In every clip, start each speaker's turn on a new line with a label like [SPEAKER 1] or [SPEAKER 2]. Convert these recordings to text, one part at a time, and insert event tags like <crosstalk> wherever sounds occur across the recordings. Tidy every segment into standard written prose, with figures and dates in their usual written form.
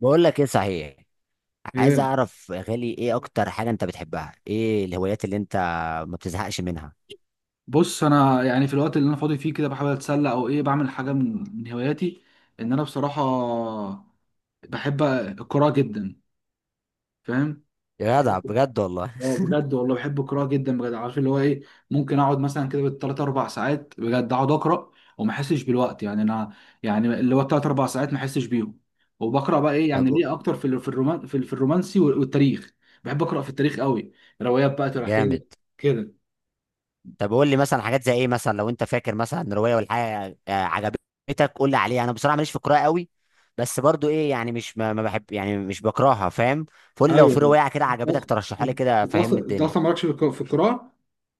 [SPEAKER 1] بقول لك ايه؟ صحيح. عايز
[SPEAKER 2] ايه.
[SPEAKER 1] اعرف يا غالي ايه اكتر حاجه انت بتحبها، ايه الهوايات اللي انت ما بتزهقش منها؟
[SPEAKER 2] بص، انا يعني في الوقت اللي انا فاضي فيه كده بحاول اتسلى او ايه بعمل حاجه من هواياتي. ان انا بصراحه بحب القراءه جدا. فاهم.
[SPEAKER 1] يا جدع، بجد والله.
[SPEAKER 2] اه بجد والله، بحب القراءه جدا بجد. عارف اللي هو ايه، ممكن اقعد مثلا كده بالثلاث اربع ساعات بجد، اقعد اقرا وما احسش بالوقت يعني. انا يعني اللي هو الثلاث اربع ساعات ما احسش بيهم. وبقرا بقى
[SPEAKER 1] <laughs>
[SPEAKER 2] ايه
[SPEAKER 1] طب
[SPEAKER 2] يعني، ليه اكتر في ال- في الرومان في ال- في الرومانسي وال- والتاريخ بحب اقرا في التاريخ قوي، روايات بقى تاريخيه
[SPEAKER 1] جامد.
[SPEAKER 2] كده.
[SPEAKER 1] طب قول لي مثلا حاجات زي ايه، مثلا لو انت فاكر مثلا روايه ولا حاجه عجبتك قول لي عليها. انا بصراحه ماليش في القراءه قوي، بس برضو ايه يعني، مش ما بحب يعني، مش بكرهها، فاهم؟ فقول لي لو في
[SPEAKER 2] ايوه.
[SPEAKER 1] روايه كده عجبتك
[SPEAKER 2] أص-
[SPEAKER 1] ترشحها لي كده،
[SPEAKER 2] انت
[SPEAKER 1] فهمني
[SPEAKER 2] اصلا انت
[SPEAKER 1] الدنيا.
[SPEAKER 2] اصلا مالكش في القراءه.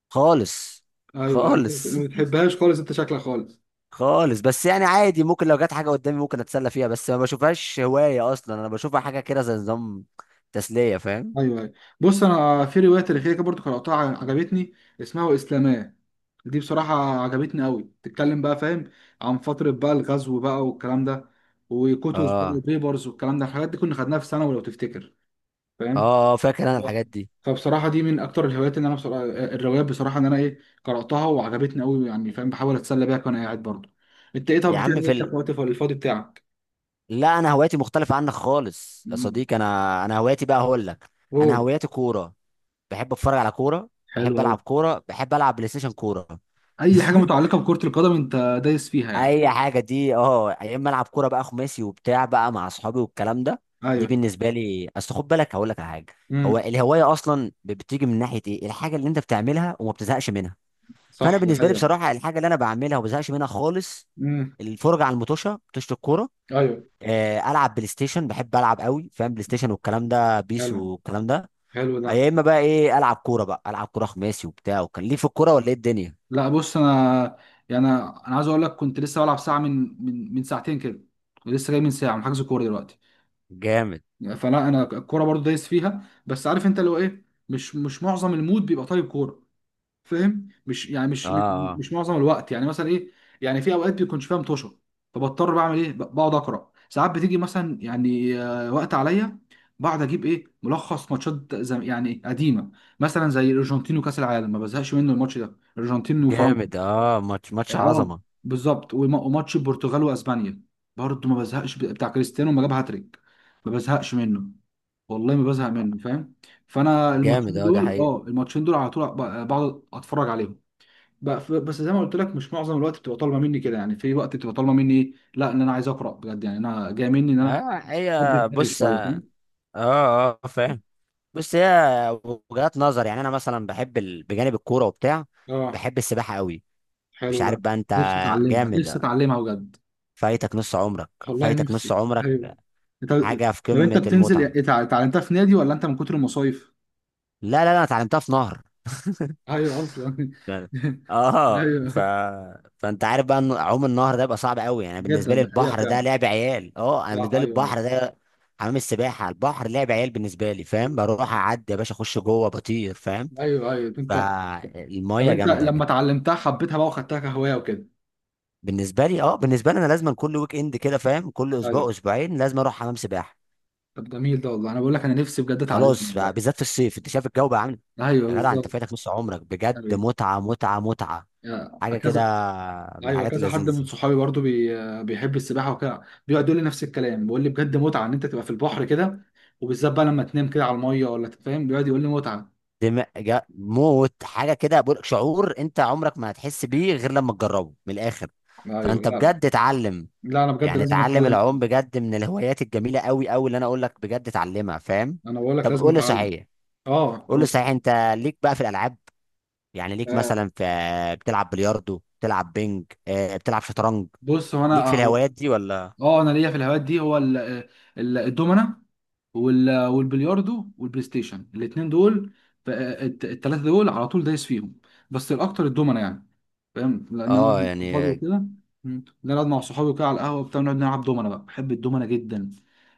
[SPEAKER 1] خالص.
[SPEAKER 2] ايوه
[SPEAKER 1] خالص.
[SPEAKER 2] ما بتحبهاش خالص، انت شكلك خالص.
[SPEAKER 1] خالص بس يعني عادي، ممكن لو جت حاجه قدامي ممكن اتسلى فيها، بس ما بشوفهاش هوايه اصلا، انا بشوفها حاجه كده زي نظام تسليه، فاهم؟
[SPEAKER 2] ايوه ايوه. بص انا في روايه تاريخيه كده برضه قراتها عجبتني اسمها واسلاماه. دي بصراحه عجبتني قوي، بتتكلم بقى فاهم عن فتره بقى الغزو بقى والكلام ده، وكوتوس بقى
[SPEAKER 1] اه،
[SPEAKER 2] وبيبرز والكلام ده. الحاجات دي كنا خدناها في ثانوي لو تفتكر. فاهم.
[SPEAKER 1] اه، فاكر انا الحاجات دي.
[SPEAKER 2] فبصراحة دي من أكتر الهوايات اللي أنا بصراحة، الروايات بصراحة إن أنا إيه قرأتها وعجبتني أوي يعني. فاهم. بحاول أتسلى بيها وأنا قاعد برضه. أنت إيه، طب
[SPEAKER 1] يا عم
[SPEAKER 2] بتعمل إيه
[SPEAKER 1] في
[SPEAKER 2] أنت في وقتك الفاضي بتاعك؟
[SPEAKER 1] لا، انا هوايتي مختلفه عنك خالص يا
[SPEAKER 2] مم.
[SPEAKER 1] صديقي، انا هوايتي بقى هقول لك. انا
[SPEAKER 2] أوه.
[SPEAKER 1] هوايتي كوره، بحب اتفرج على كوره،
[SPEAKER 2] حلو
[SPEAKER 1] بحب
[SPEAKER 2] أوي.
[SPEAKER 1] العب كوره، بحب العب بلاي ستيشن كوره.
[SPEAKER 2] أي
[SPEAKER 1] <laughs>
[SPEAKER 2] حاجة متعلقة بكرة القدم أنت دايس فيها يعني.
[SPEAKER 1] اي حاجه دي، اه، يا اما العب كوره بقى خماسي وبتاع بقى مع اصحابي والكلام ده. دي
[SPEAKER 2] أيوه.
[SPEAKER 1] بالنسبه لي، اصل خد بالك هقول لك على حاجه. هو
[SPEAKER 2] امم.
[SPEAKER 1] الهوايه اصلا بتيجي من ناحيه ايه الحاجه اللي انت بتعملها وما بتزهقش منها. فانا
[SPEAKER 2] صح، ده
[SPEAKER 1] بالنسبه لي
[SPEAKER 2] حقيقة.
[SPEAKER 1] بصراحه الحاجه اللي انا بعملها وما بزهقش منها خالص:
[SPEAKER 2] امم.
[SPEAKER 1] الفرجه على المطوشه، مطوشه الكوره.
[SPEAKER 2] أيوه.
[SPEAKER 1] العب بلاي ستيشن، بحب العب قوي، فاهم؟ بلاي ستيشن والكلام ده، بيس
[SPEAKER 2] حلو.
[SPEAKER 1] والكلام ده.
[SPEAKER 2] حلو ده.
[SPEAKER 1] يا اما بقى ايه، العب كوره بقى، العب كوره خماسي وبتاع، وكان ليه في الكوره ولا ايه الدنيا؟
[SPEAKER 2] لا بص أنا، يعني أنا عايز أقول لك كنت لسه بلعب ساعة من ساعتين كده، ولسه جاي من ساعة من حجز كورة دلوقتي.
[SPEAKER 1] جامد
[SPEAKER 2] فلا انا الكوره برضو دايس فيها، بس عارف انت لو ايه، مش معظم المود بيبقى طالب كوره. فاهم. مش يعني مش
[SPEAKER 1] اه
[SPEAKER 2] مش
[SPEAKER 1] اه
[SPEAKER 2] مش معظم الوقت يعني، مثلا ايه. يعني في اوقات بيكونش فيها مطوشه، فبضطر بعمل ايه، بقعد اقرا ساعات بتيجي مثلا يعني وقت عليا. بقعد اجيب ايه ملخص ماتشات زم يعني قديمه، مثلا زي الارجنتين وكاس العالم، ما بزهقش منه الماتش ده، الارجنتين وفرنسا.
[SPEAKER 1] جامد. اه، ماتش ماتش
[SPEAKER 2] اه
[SPEAKER 1] عظمه.
[SPEAKER 2] بالظبط. وماتش البرتغال واسبانيا برضه ما بزهقش، بتاع كريستيانو لما جاب هاتريك، ما بزهقش منه. والله ما بزهق منه. فاهم. فانا
[SPEAKER 1] جامد،
[SPEAKER 2] الماتشين
[SPEAKER 1] اه، ده
[SPEAKER 2] دول،
[SPEAKER 1] حقيقة.
[SPEAKER 2] اه الماتشين دول على طول بقعد اتفرج عليهم. بس زي ما قلت لك، مش معظم الوقت بتبقى طالبه مني كده، يعني في وقت بتبقى طالبه مني ايه، لا ان انا عايز اقرا بجد، يعني انا جاي مني ان انا
[SPEAKER 1] اه،
[SPEAKER 2] افضي
[SPEAKER 1] هي،
[SPEAKER 2] دماغي
[SPEAKER 1] بص،
[SPEAKER 2] شويه.
[SPEAKER 1] اه،
[SPEAKER 2] فاهم.
[SPEAKER 1] اه، فاهم، بص، هي وجهات نظر. يعني انا مثلا بحب بجانب الكوره وبتاع
[SPEAKER 2] اه.
[SPEAKER 1] بحب السباحه قوي. مش
[SPEAKER 2] حلو
[SPEAKER 1] عارف
[SPEAKER 2] ده.
[SPEAKER 1] بقى انت.
[SPEAKER 2] نفسي اتعلمها، نفسي
[SPEAKER 1] جامد.
[SPEAKER 2] اتعلمها بجد.
[SPEAKER 1] فايتك نص عمرك.
[SPEAKER 2] والله
[SPEAKER 1] فايتك نص
[SPEAKER 2] نفسي.
[SPEAKER 1] عمرك.
[SPEAKER 2] ايوه. انت
[SPEAKER 1] حاجه في
[SPEAKER 2] لو انت
[SPEAKER 1] قمه
[SPEAKER 2] بتنزل
[SPEAKER 1] المتعه.
[SPEAKER 2] اتعلمتها في نادي، ولا انت من كتر المصايف؟
[SPEAKER 1] لا، لا، لا، انا اتعلمتها في نهر.
[SPEAKER 2] ايوه اصلا <laughs>
[SPEAKER 1] يعني، اه
[SPEAKER 2] ايوه.
[SPEAKER 1] فانت عارف بقى ان عوم النهر ده بيبقى صعب قوي، يعني
[SPEAKER 2] جدا،
[SPEAKER 1] بالنسبه لي
[SPEAKER 2] ده حقيقه
[SPEAKER 1] البحر ده
[SPEAKER 2] فعلا.
[SPEAKER 1] لعب عيال. اه، انا بالنسبه
[SPEAKER 2] لا،
[SPEAKER 1] لي
[SPEAKER 2] ايوه ايوه.
[SPEAKER 1] البحر ده حمام السباحه، البحر لعب عيال بالنسبه لي، فاهم؟ بروح اعدي يا باشا اخش جوه بطير، فاهم؟
[SPEAKER 2] ايوه ايوه انت. طب
[SPEAKER 1] فالميه
[SPEAKER 2] انت
[SPEAKER 1] جامده
[SPEAKER 2] لما
[SPEAKER 1] جدا.
[SPEAKER 2] اتعلمتها حبيتها بقى وخدتها كهوايه وكده؟
[SPEAKER 1] بالنسبه لي، اه، بالنسبه لي انا لازم كل ويك اند كده، فاهم؟ كل اسبوع
[SPEAKER 2] ايوه.
[SPEAKER 1] اسبوعين لازم اروح حمام سباحه.
[SPEAKER 2] طب جميل ده والله، انا بقول لك انا نفسي بجد
[SPEAKER 1] خلاص
[SPEAKER 2] اتعلمها والله.
[SPEAKER 1] بالذات في الصيف انت شايف الجو بقى عامل إيه؟
[SPEAKER 2] ايوه
[SPEAKER 1] يا جدع انت
[SPEAKER 2] بالظبط.
[SPEAKER 1] فاتك نص عمرك بجد،
[SPEAKER 2] ايوه
[SPEAKER 1] متعه متعه متعه، حاجه كده
[SPEAKER 2] كذا
[SPEAKER 1] من
[SPEAKER 2] ايوه
[SPEAKER 1] الحاجات
[SPEAKER 2] كذا حد من
[SPEAKER 1] اللذيذه.
[SPEAKER 2] صحابي برضو بيحب السباحه وكده، بيقعد يقول لي نفس الكلام، بيقول لي بجد متعه ان انت تبقى في البحر كده، وبالذات بقى لما تنام كده على الميه ولا فاهم بيقعد يقول لي متعه.
[SPEAKER 1] دماغ موت. حاجه كده بقول، شعور انت عمرك ما هتحس بيه غير لما تجربه من الاخر.
[SPEAKER 2] ايوه.
[SPEAKER 1] فانت
[SPEAKER 2] لا
[SPEAKER 1] بجد اتعلم،
[SPEAKER 2] لا، انا بجد
[SPEAKER 1] يعني
[SPEAKER 2] لازم
[SPEAKER 1] اتعلم
[SPEAKER 2] اتعلم
[SPEAKER 1] العوم
[SPEAKER 2] تاني.
[SPEAKER 1] بجد، من الهوايات الجميله قوي قوي اللي انا اقول لك بجد اتعلمها، فاهم؟
[SPEAKER 2] انا بقول لك
[SPEAKER 1] طب
[SPEAKER 2] لازم
[SPEAKER 1] قول لي
[SPEAKER 2] اتعلم.
[SPEAKER 1] صحيح.
[SPEAKER 2] اه.
[SPEAKER 1] قول لي
[SPEAKER 2] أوه.
[SPEAKER 1] صحيح انت، ليك بقى في الالعاب؟ يعني ليك
[SPEAKER 2] آه،
[SPEAKER 1] مثلا في، بتلعب بلياردو، بتلعب بينج، بتلعب شطرنج؟
[SPEAKER 2] بص هو
[SPEAKER 1] ليك
[SPEAKER 2] انا
[SPEAKER 1] في
[SPEAKER 2] اهو.
[SPEAKER 1] الهوايات دي ولا؟
[SPEAKER 2] اه انا ليا في الهوايات دي، هو الدومنه والبلياردو والبلاي ستيشن، الاثنين دول، الثلاثه دول على طول دايس فيهم، بس الاكتر الدومنه يعني. فاهم لان انا أقعد
[SPEAKER 1] اه
[SPEAKER 2] مع صحابي
[SPEAKER 1] يعني.
[SPEAKER 2] وكده. مم. نقعد مع صحابي وكده على القهوه بتاع، نقعد نلعب دومنه بقى، بحب الدومنه جدا.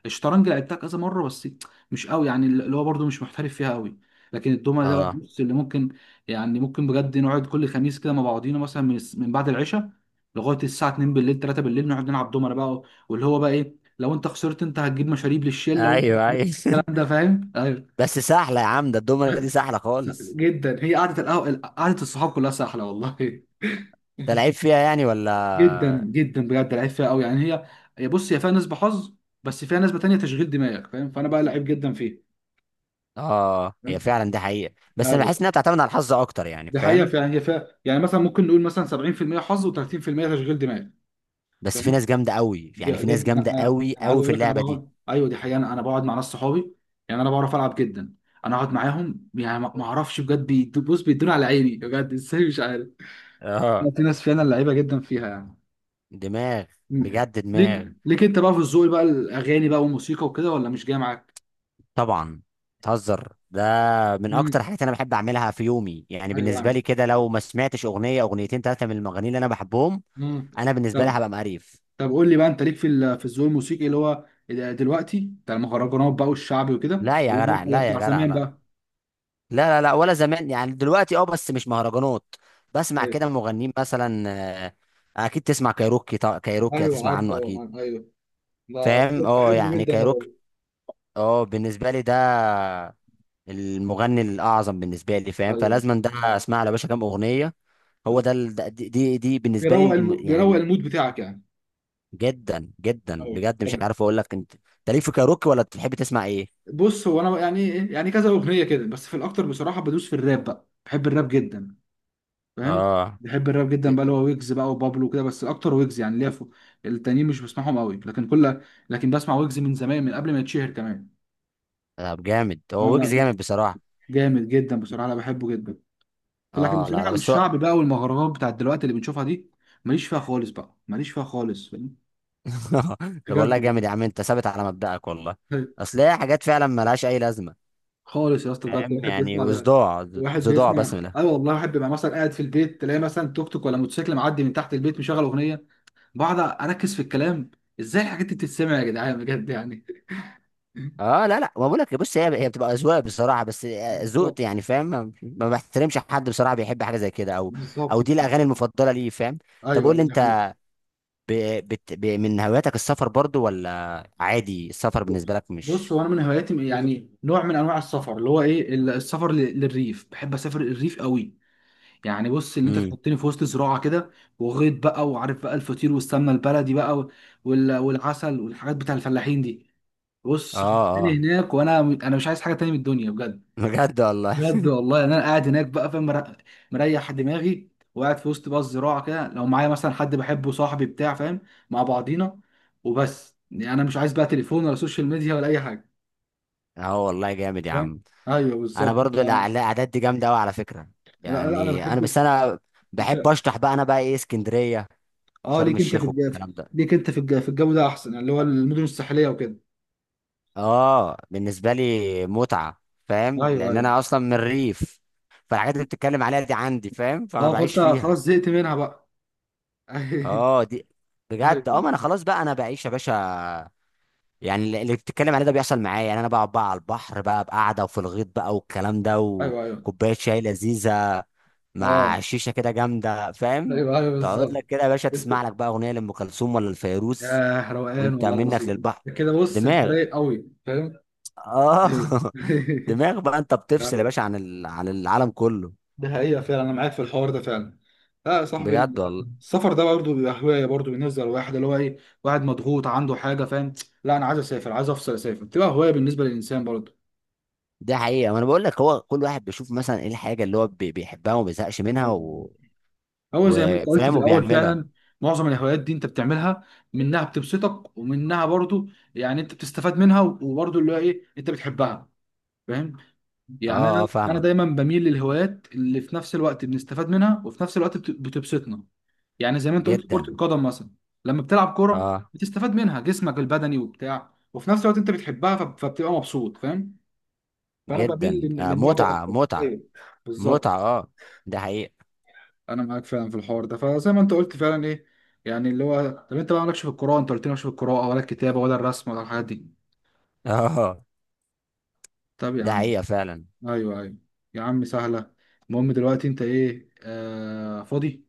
[SPEAKER 2] الشطرنج لعبتها كذا مره بس، مش قوي يعني، اللي هو برضو مش محترف فيها قوي. لكن الدومنه ده بقى،
[SPEAKER 1] اه،
[SPEAKER 2] بص اللي ممكن، يعني ممكن بجد نقعد كل خميس كده مع بعضينا، مثلا من بعد العشاء لغايه الساعه 2 بالليل، 3 بالليل، نقعد نلعب دومنه بقى، واللي هو بقى ايه لو انت خسرت انت هتجيب مشاريب للشله، وانت
[SPEAKER 1] ايوه، ايوه. <laughs>
[SPEAKER 2] الكلام ده فاهم. ايوه.
[SPEAKER 1] بس سهله يا عم، ده الدومنه دي سهله خالص.
[SPEAKER 2] جدا، هي قعده القهوه قعده الصحاب كلها سهله والله
[SPEAKER 1] انت
[SPEAKER 2] <laughs>
[SPEAKER 1] لعيب فيها يعني
[SPEAKER 2] جدا
[SPEAKER 1] ولا؟
[SPEAKER 2] جدا بجد لعيب فيها قوي يعني. هي بص، هي فيها نسبه حظ، بس فيها نسبه تانية تشغيل دماغك. فاهم. فانا بقى لعيب جدا فيه.
[SPEAKER 1] اه، هي
[SPEAKER 2] فاهم.
[SPEAKER 1] فعلا دي حقيقة، بس انا
[SPEAKER 2] ايوه،
[SPEAKER 1] بحس انها بتعتمد على الحظ اكتر، يعني
[SPEAKER 2] دي حقيقه
[SPEAKER 1] فاهم؟
[SPEAKER 2] فعلا. هي فيها يعني مثلا ممكن نقول مثلا 70% حظ و30% تشغيل دماغ.
[SPEAKER 1] بس في
[SPEAKER 2] فاهم.
[SPEAKER 1] ناس جامدة قوي، يعني في ناس
[SPEAKER 2] جدا
[SPEAKER 1] جامدة
[SPEAKER 2] انا
[SPEAKER 1] قوي
[SPEAKER 2] انا عايز
[SPEAKER 1] قوي
[SPEAKER 2] اقول
[SPEAKER 1] في
[SPEAKER 2] لك، انا
[SPEAKER 1] اللعبة دي.
[SPEAKER 2] بقعد ايوه دي حقيقه، انا بقعد مع ناس صحابي. يعني انا بعرف العب جدا. انا اقعد معاهم يعني ما اعرفش بجد، بص بيدوني على عيني بجد ازاي مش عارف. لا،
[SPEAKER 1] اه،
[SPEAKER 2] في ناس فعلا لعيبه جدا فيها يعني.
[SPEAKER 1] دماغ.
[SPEAKER 2] م-
[SPEAKER 1] بجد دماغ.
[SPEAKER 2] ليك انت بقى في الذوق بقى، الاغاني بقى والموسيقى وكده، ولا مش جاي معاك؟
[SPEAKER 1] طبعا، تهزر ده؟ من
[SPEAKER 2] امم.
[SPEAKER 1] اكتر حاجات انا بحب اعملها في يومي، يعني
[SPEAKER 2] ايوه
[SPEAKER 1] بالنسبة
[SPEAKER 2] يعني.
[SPEAKER 1] لي كده لو ما سمعتش اغنية اغنيتين ثلاثة من المغنيين اللي انا بحبهم،
[SPEAKER 2] امم.
[SPEAKER 1] انا بالنسبة لي
[SPEAKER 2] طب.
[SPEAKER 1] هبقى مقريف.
[SPEAKER 2] طب قول لي بقى، انت ليك في الذوق الموسيقي اللي هو دلوقتي بتاع المهرجانات بقى والشعبي وكده،
[SPEAKER 1] لا يا
[SPEAKER 2] ولا
[SPEAKER 1] جدع،
[SPEAKER 2] ولا
[SPEAKER 1] لا يا
[SPEAKER 2] بتاع
[SPEAKER 1] جدع،
[SPEAKER 2] زمان
[SPEAKER 1] لا.
[SPEAKER 2] بقى؟
[SPEAKER 1] لا، لا، لا، ولا زمان يعني، دلوقتي اه، بس مش مهرجانات. بسمع
[SPEAKER 2] ايوه
[SPEAKER 1] كده مغنيين مثلا. آه، اكيد تسمع كايروكي، طبعا كايروكي
[SPEAKER 2] ايوه
[SPEAKER 1] هتسمع
[SPEAKER 2] عارفه،
[SPEAKER 1] عنه اكيد،
[SPEAKER 2] ايوه ده.
[SPEAKER 1] فاهم؟ اه
[SPEAKER 2] بحبه
[SPEAKER 1] يعني
[SPEAKER 2] جدا ده
[SPEAKER 1] كايروكي.
[SPEAKER 2] برضه.
[SPEAKER 1] اه، بالنسبه لي ده المغني الاعظم بالنسبه لي، فاهم؟
[SPEAKER 2] ايوه.
[SPEAKER 1] فلازما ده اسمع له يا باشا كام اغنيه. هو
[SPEAKER 2] بز-
[SPEAKER 1] ده دي بالنسبه لي
[SPEAKER 2] بيروق
[SPEAKER 1] يعني
[SPEAKER 2] المود بتاعك يعني.
[SPEAKER 1] جدا جدا
[SPEAKER 2] ايوه
[SPEAKER 1] بجد، مش
[SPEAKER 2] طب.
[SPEAKER 1] عارف اقول لك. انت ليك في كايروكي ولا بتحب تسمع ايه؟
[SPEAKER 2] بص هو انا بقى يعني يعني كذا اغنيه كده بس، في الاكتر بصراحه بدوس في الراب بقى، بحب الراب جدا. فاهم.
[SPEAKER 1] اه،
[SPEAKER 2] بحب الراب جدا بقى، اللي هو ويجز بقى وبابلو وكده، بس اكتر ويجز يعني ليا فوق، التانيين مش بسمعهم قوي. لكن كل، لكن بسمع ويجز من زمان من قبل ما يتشهر كمان.
[SPEAKER 1] طب جامد،
[SPEAKER 2] اه
[SPEAKER 1] هو
[SPEAKER 2] لا
[SPEAKER 1] ويجز
[SPEAKER 2] بس،
[SPEAKER 1] جامد بصراحه.
[SPEAKER 2] جامد جدا بصراحه انا بحبه جدا. لكن
[SPEAKER 1] اه، لا، لا،
[SPEAKER 2] بصراحه
[SPEAKER 1] بس هو.
[SPEAKER 2] الشعب بقى والمهرجانات بتاعت دلوقتي اللي بنشوفها دي، ماليش فيها خالص بقى، ماليش فيها خالص فاهم؟
[SPEAKER 1] <laughs> طب
[SPEAKER 2] بجد.
[SPEAKER 1] والله جامد يا عم، انت ثابت على مبدأك والله. اصل هي حاجات فعلا ملهاش اي لازمه،
[SPEAKER 2] خالص يا اسطى، بجد
[SPEAKER 1] فاهم؟
[SPEAKER 2] واحد
[SPEAKER 1] يعني
[SPEAKER 2] بيسمع ده،
[SPEAKER 1] وصداع،
[SPEAKER 2] واحد
[SPEAKER 1] صداع بس من
[SPEAKER 2] بيسمع
[SPEAKER 1] الآخر.
[SPEAKER 2] ايوه والله. واحد بيبقى مثلا قاعد في البيت تلاقي مثلا توك توك ولا موتوسيكل معدي من تحت البيت مشغل اغنيه، بقعد اركز في الكلام، ازاي الحاجات دي بتتسمع يا جدعان بجد يعني.
[SPEAKER 1] اه، لا، لا، ما بقولك، بص، هي بتبقى اذواق بصراحه، بس ذوقت
[SPEAKER 2] بالظبط.
[SPEAKER 1] يعني، فاهم؟ ما بحترمش حد بصراحه بيحب حاجه زي كده، او
[SPEAKER 2] بالظبط،
[SPEAKER 1] او دي
[SPEAKER 2] دي حقيقة.
[SPEAKER 1] الاغاني المفضله ليه، فاهم؟ طب
[SPEAKER 2] ايوه
[SPEAKER 1] قول لي
[SPEAKER 2] أيوة، دي حقيقة.
[SPEAKER 1] انت، ب... من هواياتك السفر برضو ولا عادي السفر بالنسبه لك
[SPEAKER 2] بص
[SPEAKER 1] مش؟
[SPEAKER 2] هو انا من هواياتي يعني نوع من انواع السفر، اللي هو ايه السفر للريف بحب اسافر الريف قوي. يعني بص ان انت
[SPEAKER 1] امم
[SPEAKER 2] تحطني في وسط زراعه كده، وغيط بقى، وعارف بقى الفطير والسمنه البلدي بقى والعسل والحاجات بتاع الفلاحين دي،
[SPEAKER 1] اه،
[SPEAKER 2] بص حطني
[SPEAKER 1] اه،
[SPEAKER 2] هناك وانا، مش عايز حاجه تاني من الدنيا بجد.
[SPEAKER 1] بجد والله.
[SPEAKER 2] بجد والله. يعني انا قاعد هناك بقى فاهم، مريح دماغي، وقاعد في وسط بقى الزراعه كده، لو معايا مثلا حد بحبه، صاحبي بتاع فاهم، مع بعضينا وبس، يعني انا مش عايز بقى تليفون ولا سوشيال ميديا ولا اي حاجه.
[SPEAKER 1] <laughs> اه والله جامد يا
[SPEAKER 2] فاهم.
[SPEAKER 1] عم.
[SPEAKER 2] ايوه
[SPEAKER 1] انا
[SPEAKER 2] بالظبط.
[SPEAKER 1] برضو
[SPEAKER 2] لا
[SPEAKER 1] الاعداد دي جامده قوي على فكره،
[SPEAKER 2] لا انا
[SPEAKER 1] يعني انا
[SPEAKER 2] بحب.
[SPEAKER 1] بس انا
[SPEAKER 2] انت
[SPEAKER 1] بحب اشطح بقى، انا بقى ايه اسكندريه،
[SPEAKER 2] اه،
[SPEAKER 1] شرم
[SPEAKER 2] ليك انت في
[SPEAKER 1] الشيخ
[SPEAKER 2] الجو،
[SPEAKER 1] والكلام ده.
[SPEAKER 2] ليك انت في الجو، في الجو ده احسن، اللي هو المدن الساحليه وكده.
[SPEAKER 1] اه بالنسبه لي متعه، فاهم؟
[SPEAKER 2] ايوه
[SPEAKER 1] لان
[SPEAKER 2] ايوه.
[SPEAKER 1] انا اصلا من الريف، فالحاجات اللي بتتكلم عليها دي عندي، فاهم؟ فانا
[SPEAKER 2] اه
[SPEAKER 1] بعيش
[SPEAKER 2] فانت خلاص
[SPEAKER 1] فيها.
[SPEAKER 2] زهقت منها بقى <laughs>
[SPEAKER 1] اه، دي بجد. اه، ما
[SPEAKER 2] ايوه
[SPEAKER 1] انا خلاص بقى، انا بعيش يا باشا، يعني اللي بتتكلم عليه ده بيحصل معايا. يعني انا بقعد بقى على البحر بقى بقعده، وفي الغيط بقى والكلام ده،
[SPEAKER 2] ايوه. ايوه.
[SPEAKER 1] وكوبايه شاي لذيذه مع
[SPEAKER 2] اه.
[SPEAKER 1] شيشه كده جامده، فاهم؟
[SPEAKER 2] ايوه ايوه
[SPEAKER 1] تقعد لك
[SPEAKER 2] بالظبط.
[SPEAKER 1] كده يا باشا،
[SPEAKER 2] انت
[SPEAKER 1] تسمع لك بقى اغنيه لام كلثوم ولا الفيروز،
[SPEAKER 2] يا روقان
[SPEAKER 1] وانت
[SPEAKER 2] والله
[SPEAKER 1] منك
[SPEAKER 2] العظيم،
[SPEAKER 1] للبحر.
[SPEAKER 2] انت كده بص انت
[SPEAKER 1] دماغ.
[SPEAKER 2] رايق قوي. فاهم.
[SPEAKER 1] اه
[SPEAKER 2] ايوه
[SPEAKER 1] <laughs>
[SPEAKER 2] <laughs>
[SPEAKER 1] دماغ بقى، انت بتفصل يا
[SPEAKER 2] ايوه.
[SPEAKER 1] باشا عن عن العالم كله،
[SPEAKER 2] ده حقيقة فعلا، انا معاك في الحوار ده فعلا. لا يا صاحبي.
[SPEAKER 1] بجد والله.
[SPEAKER 2] السفر ده برضه بيبقى هواية برضه بالنسبة للواحد اللي هو ايه، واحد مضغوط عنده حاجة. فاهم. لا انا عايز اسافر، عايز افصل، اسافر بتبقى هواية بالنسبة للانسان برضه.
[SPEAKER 1] دي حقيقه، ما انا بقول لك هو كل واحد بيشوف مثلا ايه الحاجه اللي هو بيحبها وما بيزهقش منها
[SPEAKER 2] أيوة. هو زي ما انت قلت في
[SPEAKER 1] وفاهم
[SPEAKER 2] الاول
[SPEAKER 1] وبيعملها.
[SPEAKER 2] فعلا. معظم الهوايات دي انت بتعملها، منها بتبسطك ومنها برضه يعني انت بتستفاد منها، وبرضه اللي هو ايه انت بتحبها. فاهم. يعني انا
[SPEAKER 1] اه، اه،
[SPEAKER 2] انا
[SPEAKER 1] فاهمك،
[SPEAKER 2] دايما بميل للهوايات اللي في نفس الوقت بنستفاد منها، وفي نفس الوقت بتبسطنا يعني زي ما انت قلت كرة
[SPEAKER 1] جدا.
[SPEAKER 2] القدم مثلا، لما بتلعب كرة
[SPEAKER 1] اه
[SPEAKER 2] بتستفاد منها جسمك البدني وبتاع، وفي نفس الوقت انت بتحبها فبتبقى مبسوط. فاهم. فانا بميل
[SPEAKER 1] جدا،
[SPEAKER 2] للنوع ده
[SPEAKER 1] متعه
[SPEAKER 2] اكتر.
[SPEAKER 1] متعه
[SPEAKER 2] ايوه بالظبط.
[SPEAKER 1] متعه. اه ده حقيقه.
[SPEAKER 2] انا معاك فعلا في الحوار ده. فزي ما انت قلت فعلا ايه، يعني اللي هو، طب انت بقى مالكش في القراءة، انت قلت لي مالكش في القراءة ولا الكتابة ولا الرسم ولا الحاجات دي؟
[SPEAKER 1] <laughs> اه
[SPEAKER 2] طب يا
[SPEAKER 1] ده
[SPEAKER 2] عم.
[SPEAKER 1] حقيقه فعلا.
[SPEAKER 2] ايوه ايوه. يا عم سهلة. المهم دلوقتي انت ايه آه فاضي؟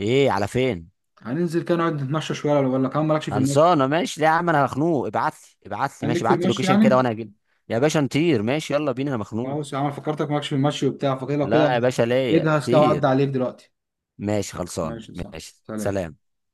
[SPEAKER 1] ايه على فين؟
[SPEAKER 2] هننزل كده نقعد نتمشى شويه، ولا كمان مالكش في المشي؟
[SPEAKER 1] خلصانه ماشي. لا يا عم انا مخنوق، ابعت لي ابعت لي
[SPEAKER 2] كان ليك
[SPEAKER 1] ماشي
[SPEAKER 2] في
[SPEAKER 1] ابعت لي
[SPEAKER 2] المشي
[SPEAKER 1] لوكيشن كده
[SPEAKER 2] يعني.
[SPEAKER 1] وانا هجيب. يا باشا نطير ماشي، يلا بينا انا مخنوق.
[SPEAKER 2] خلاص يا عم، فكرتك مالكش في المشي وبتاع، فكده لو كده
[SPEAKER 1] لا يا باشا ليا
[SPEAKER 2] اجهز كده
[SPEAKER 1] طير.
[SPEAKER 2] وعدي عليك دلوقتي.
[SPEAKER 1] ماشي خلصانه.
[SPEAKER 2] ماشي صح،
[SPEAKER 1] ماشي،
[SPEAKER 2] سلام.
[SPEAKER 1] سلام.